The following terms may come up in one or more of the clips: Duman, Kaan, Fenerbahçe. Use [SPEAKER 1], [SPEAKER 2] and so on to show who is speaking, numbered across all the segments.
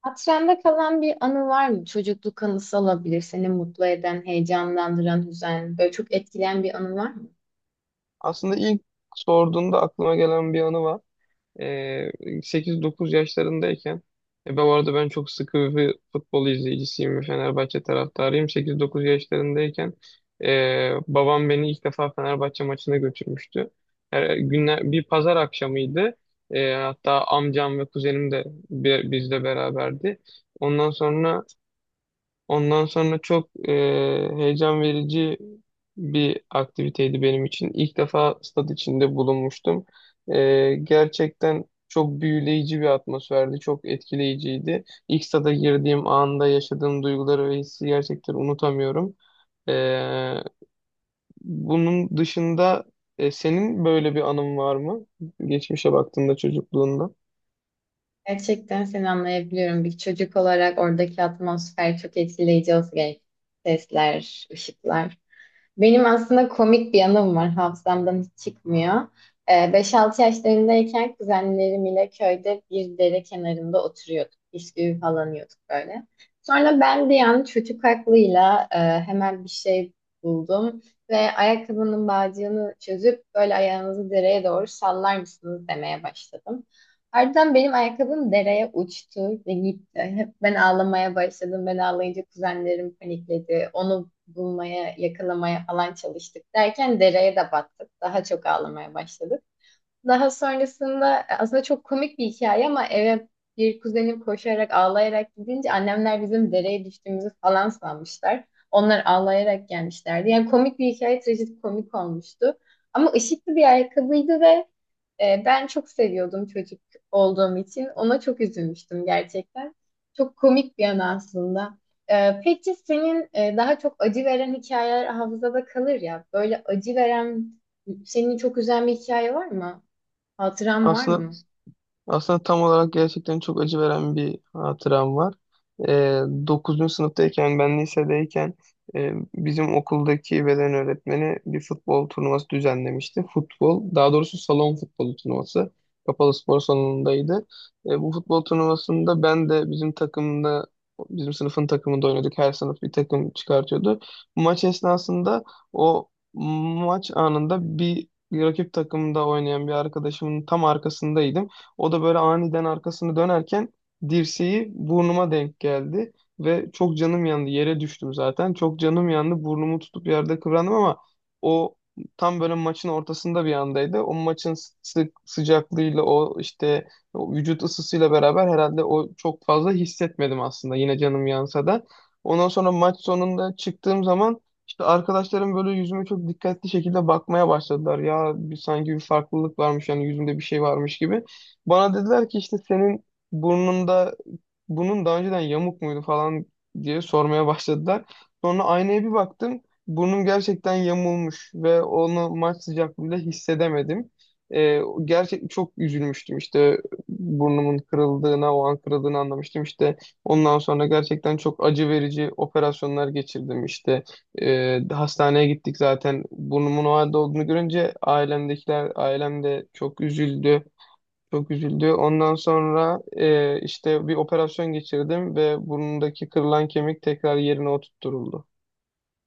[SPEAKER 1] Hatırında kalan bir anı var mı? Çocukluk anısı olabilir. Seni mutlu eden, heyecanlandıran, üzen, böyle çok etkileyen bir anı var mı?
[SPEAKER 2] Aslında ilk sorduğunda aklıma gelen bir anı var. Ee, 8-9 yaşlarındayken ben bu arada çok sıkı bir futbol izleyicisiyim ve Fenerbahçe taraftarıyım. 8-9 yaşlarındayken babam beni ilk defa Fenerbahçe maçına götürmüştü. Bir pazar akşamıydı. Hatta amcam ve kuzenim de bizle beraberdi. Ondan sonra Ondan sonra çok heyecan verici bir aktiviteydi benim için. İlk defa stat içinde bulunmuştum. Gerçekten çok büyüleyici bir atmosferdi, çok etkileyiciydi. İlk stada girdiğim anda yaşadığım duyguları ve hissi gerçekten unutamıyorum. E, Bunun dışında senin böyle bir anın var mı? Geçmişe baktığında çocukluğunda.
[SPEAKER 1] Gerçekten seni anlayabiliyorum. Bir çocuk olarak oradaki atmosfer çok etkileyici olsa gerek. Sesler, ışıklar. Benim aslında komik bir yanım var. Hafızamdan hiç çıkmıyor. 5-6 yaşlarındayken kuzenlerim ile köyde bir dere kenarında oturuyorduk. Bisküvi falan yiyorduk böyle. Sonra ben de yani çocuk aklıyla hemen bir şey buldum. Ve ayakkabının bağcığını çözüp böyle ayağınızı dereye doğru sallar mısınız demeye başladım. Ardından benim ayakkabım dereye uçtu ve gitti. Hep ben ağlamaya başladım. Ben ağlayınca kuzenlerim panikledi. Onu bulmaya, yakalamaya falan çalıştık derken dereye de battık. Daha çok ağlamaya başladık. Daha sonrasında aslında çok komik bir hikaye ama eve bir kuzenim koşarak ağlayarak gidince annemler bizim dereye düştüğümüzü falan sanmışlar. Onlar ağlayarak gelmişlerdi. Yani komik bir hikaye komik olmuştu. Ama ışıklı bir ayakkabıydı ve ben çok seviyordum çocuk olduğum için. Ona çok üzülmüştüm gerçekten. Çok komik bir an aslında. Peki senin daha çok acı veren hikayeler hafızada kalır ya. Böyle acı veren, seni çok üzen bir hikaye var mı? Hatıram var
[SPEAKER 2] Aslında
[SPEAKER 1] mı?
[SPEAKER 2] Aslında tam olarak gerçekten çok acı veren bir hatıram var. Ee, 9. sınıftayken ben lisedeyken bizim okuldaki beden öğretmeni bir futbol turnuvası düzenlemişti. Futbol, daha doğrusu salon futbolu turnuvası. Kapalı spor salonundaydı. Bu futbol turnuvasında ben de bizim sınıfın takımında oynadık. Her sınıf bir takım çıkartıyordu. Maç esnasında o maç anında bir rakip takımda oynayan bir arkadaşımın tam arkasındaydım. O da böyle aniden arkasını dönerken dirseği burnuma denk geldi ve çok canım yandı. Yere düştüm zaten. Çok canım yandı. Burnumu tutup yerde kıvrandım ama o tam böyle maçın ortasında bir andaydı. O maçın sıcaklığıyla o vücut ısısıyla beraber herhalde çok fazla hissetmedim aslında yine canım yansa da. Ondan sonra maç sonunda çıktığım zaman işte arkadaşlarım böyle yüzüme çok dikkatli şekilde bakmaya başladılar. Ya sanki bir farklılık varmış, yani yüzümde bir şey varmış gibi. Bana dediler ki işte senin burnunda bunun daha önceden yamuk muydu falan diye sormaya başladılar. Sonra aynaya bir baktım. Burnum gerçekten yamulmuş ve onu maç sıcaklığında hissedemedim. Gerçek çok üzülmüştüm işte burnumun kırıldığına o an kırıldığını anlamıştım. İşte ondan sonra gerçekten çok acı verici operasyonlar geçirdim işte. Hastaneye gittik zaten. Burnumun o halde olduğunu görünce ailemdekiler ailem de çok üzüldü çok üzüldü. Ondan sonra işte bir operasyon geçirdim ve burnundaki kırılan kemik tekrar yerine oturtturuldu.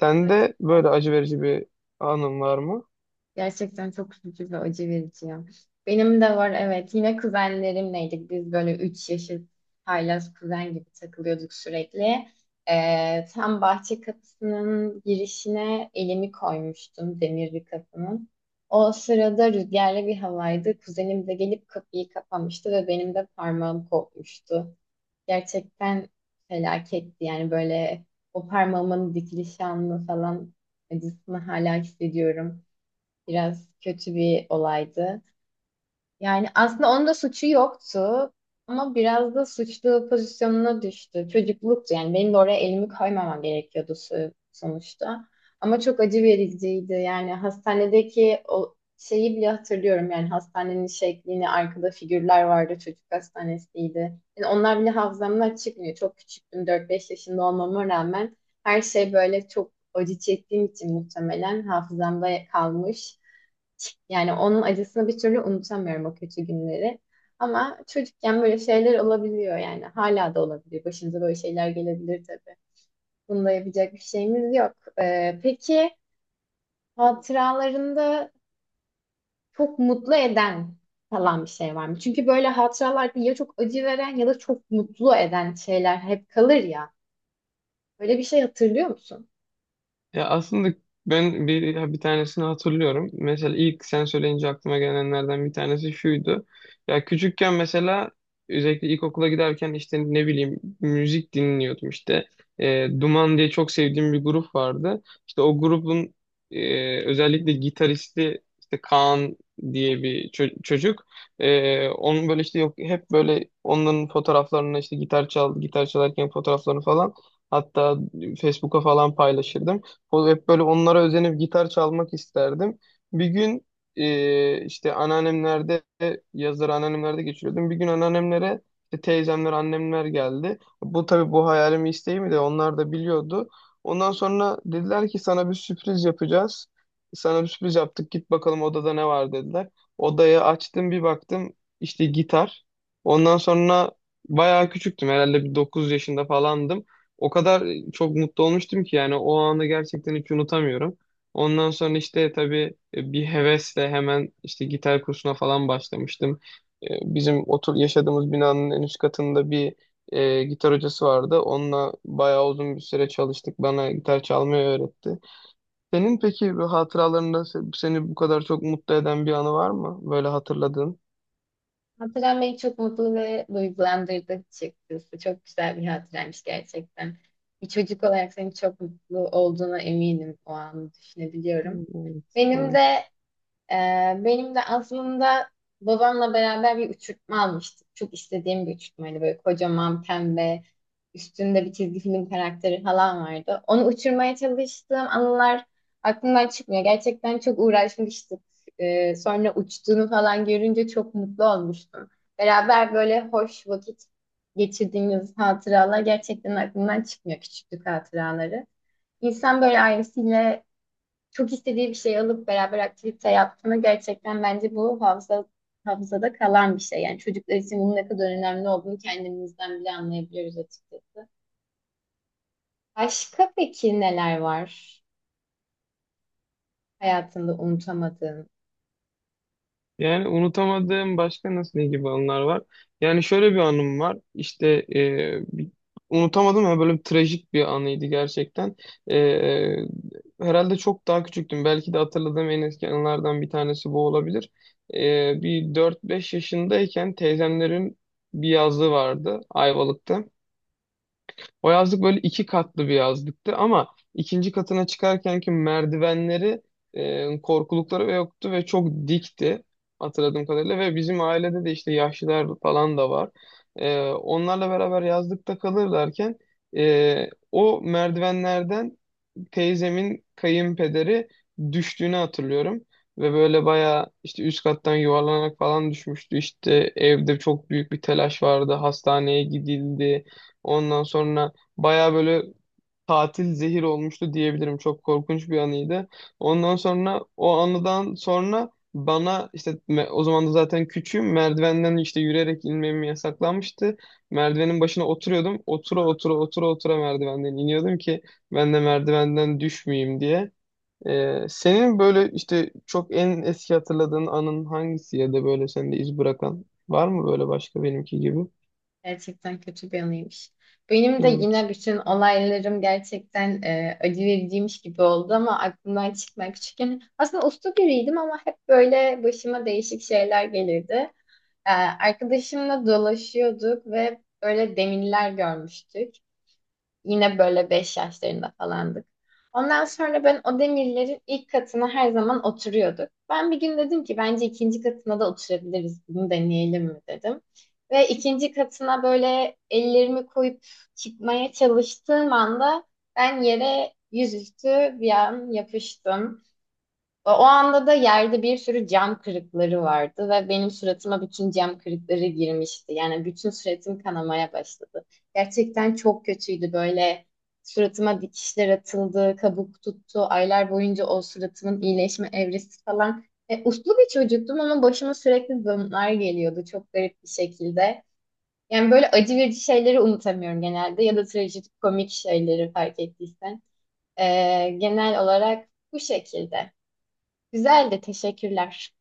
[SPEAKER 2] Sende böyle
[SPEAKER 1] Gerçekten,
[SPEAKER 2] acı verici bir anın var mı?
[SPEAKER 1] gerçekten çok üzücü ve acı verici ya. Benim de var, evet. Yine kuzenlerimleydik. Biz böyle 3 yaşlı haylaz kuzen gibi takılıyorduk sürekli. Tam bahçe kapısının girişine elimi koymuştum demir bir kapının. O sırada rüzgarlı bir havaydı. Kuzenim de gelip kapıyı kapamıştı ve benim de parmağım kopmuştu. Gerçekten felaketti. Yani böyle o parmağımın dikiliş anını falan acısını hala hissediyorum. Biraz kötü bir olaydı. Yani aslında onun da suçu yoktu ama biraz da suçlu pozisyonuna düştü. Çocukluktu, yani benim de oraya elimi koymamam gerekiyordu sonuçta. Ama çok acı vericiydi, yani hastanedeki o şeyi bile hatırlıyorum, yani hastanenin şeklini, arkada figürler vardı, çocuk hastanesiydi. Yani onlar bile hafızamdan çıkmıyor. Çok küçüktüm, dört beş yaşında olmama rağmen her şey böyle çok acı çektiğim için muhtemelen hafızamda kalmış. Yani onun acısını bir türlü unutamıyorum, o kötü günleri. Ama çocukken böyle şeyler olabiliyor yani. Hala da olabilir. Başımıza böyle şeyler gelebilir tabii. Bunda yapacak bir şeyimiz yok. Peki hatıralarında çok mutlu eden falan bir şey var mı? Çünkü böyle hatıralarda ya çok acı veren ya da çok mutlu eden şeyler hep kalır ya. Böyle bir şey hatırlıyor musun?
[SPEAKER 2] Ya aslında ben bir tanesini hatırlıyorum. Mesela ilk sen söyleyince aklıma gelenlerden bir tanesi şuydu. Ya küçükken mesela özellikle ilkokula giderken işte ne bileyim müzik dinliyordum işte. Duman diye çok sevdiğim bir grup vardı. İşte o grubun özellikle gitaristi işte Kaan diye bir çocuk. Onun böyle işte yok hep böyle onların fotoğraflarını işte gitar çalarken fotoğraflarını falan, hatta Facebook'a falan paylaşırdım. O hep böyle onlara özenip gitar çalmak isterdim. Bir gün işte yazları anneannemlerde geçiriyordum. Bir gün anneannemlere işte teyzemler, annemler geldi. Bu hayalimi, isteğimi de onlar da biliyordu. Ondan sonra dediler ki sana bir sürpriz yapacağız. Sana bir sürpriz yaptık. Git bakalım odada ne var dediler. Odayı açtım bir baktım işte gitar. Ondan sonra bayağı küçüktüm, herhalde bir 9 yaşında falandım. O kadar çok mutlu olmuştum ki yani o anı gerçekten hiç unutamıyorum. Ondan sonra işte tabii bir hevesle hemen işte gitar kursuna falan başlamıştım. Ee, Bizim yaşadığımız binanın en üst katında bir gitar hocası vardı. Onunla bayağı uzun bir süre çalıştık. Bana gitar çalmayı öğretti. Senin peki bir hatıralarında seni bu kadar çok mutlu eden bir anı var mı? Böyle hatırladığın.
[SPEAKER 1] Hatıran beni çok mutlu ve duygulandırdı açıkçası. Çok güzel bir hatıraymış gerçekten. Bir çocuk olarak senin çok mutlu olduğuna eminim, o anı düşünebiliyorum.
[SPEAKER 2] Evet,
[SPEAKER 1] Benim de
[SPEAKER 2] evet.
[SPEAKER 1] ee, benim de aslında babamla beraber bir uçurtma almıştık. Çok istediğim bir uçurtmaydı. Böyle kocaman pembe, üstünde bir çizgi film karakteri falan vardı. Onu uçurmaya çalıştığım anılar aklımdan çıkmıyor. Gerçekten çok uğraşmıştık. Sonra uçtuğunu falan görünce çok mutlu olmuştum. Beraber böyle hoş vakit geçirdiğimiz hatıralar gerçekten aklımdan çıkmıyor, küçüklük hatıraları. İnsan böyle ailesiyle çok istediği bir şey alıp beraber aktivite yaptığını, gerçekten bence bu hafıza, hafızada kalan bir şey. Yani çocuklar için bunun ne kadar önemli olduğunu kendimizden bile anlayabiliyoruz açıkçası. Başka peki neler var hayatında unutamadığın?
[SPEAKER 2] Yani unutamadığım başka nasıl ne gibi anılar var? Yani şöyle bir anım var. İşte e, bir- unutamadım ama böyle bir trajik bir anıydı gerçekten. E, Herhalde çok daha küçüktüm. Belki de hatırladığım en eski anılardan bir tanesi bu olabilir. Bir 4-5 yaşındayken teyzemlerin bir yazlığı vardı Ayvalık'ta. O yazlık böyle iki katlı bir yazlıktı ama ikinci katına çıkarkenki merdivenleri, korkulukları ve yoktu ve çok dikti hatırladığım kadarıyla ve bizim ailede de işte yaşlılar falan da var. Onlarla beraber yazlıkta kalırlarken o merdivenlerden teyzemin kayınpederi düştüğünü hatırlıyorum. Ve böyle bayağı işte üst kattan yuvarlanarak falan düşmüştü. İşte evde çok büyük bir telaş vardı. Hastaneye gidildi. Ondan sonra bayağı böyle tatil zehir olmuştu diyebilirim. Çok korkunç bir anıydı. Ondan sonra o anıdan sonra bana işte o zaman da zaten küçüğüm, merdivenden işte yürüyerek inmem yasaklanmıştı. Merdivenin başına oturuyordum. Otura otura merdivenden iniyordum ki ben de merdivenden düşmeyeyim diye. Senin böyle işte çok en eski hatırladığın anın hangisi ya da böyle sende iz bırakan var mı böyle başka benimki gibi?
[SPEAKER 1] Gerçekten kötü bir anıymış. Benim de yine bütün olaylarım gerçekten acı vericiymiş gibi oldu ama aklımdan çıkmayan, küçükken aslında uslu biriydim ama hep böyle başıma değişik şeyler gelirdi. Arkadaşımla dolaşıyorduk ve böyle demirler görmüştük. Yine böyle 5 yaşlarında falandık. Ondan sonra ben o demirlerin ilk katına her zaman oturuyorduk. Ben bir gün dedim ki bence ikinci katına da oturabiliriz. Bunu deneyelim mi dedim. Ve ikinci katına böyle ellerimi koyup çıkmaya çalıştığım anda ben yere yüzüstü bir an yapıştım. O anda da yerde bir sürü cam kırıkları vardı ve benim suratıma bütün cam kırıkları girmişti. Yani bütün suratım kanamaya başladı. Gerçekten çok kötüydü böyle. Suratıma dikişler atıldı, kabuk tuttu. Aylar boyunca o suratımın iyileşme evresi falan. Uslu bir çocuktum ama başıma sürekli bunlar geliyordu, çok garip bir şekilde. Yani böyle acı verici şeyleri unutamıyorum genelde ya da trajikomik, komik şeyleri, fark ettiysen. E, genel olarak bu şekilde. Güzeldi, teşekkürler.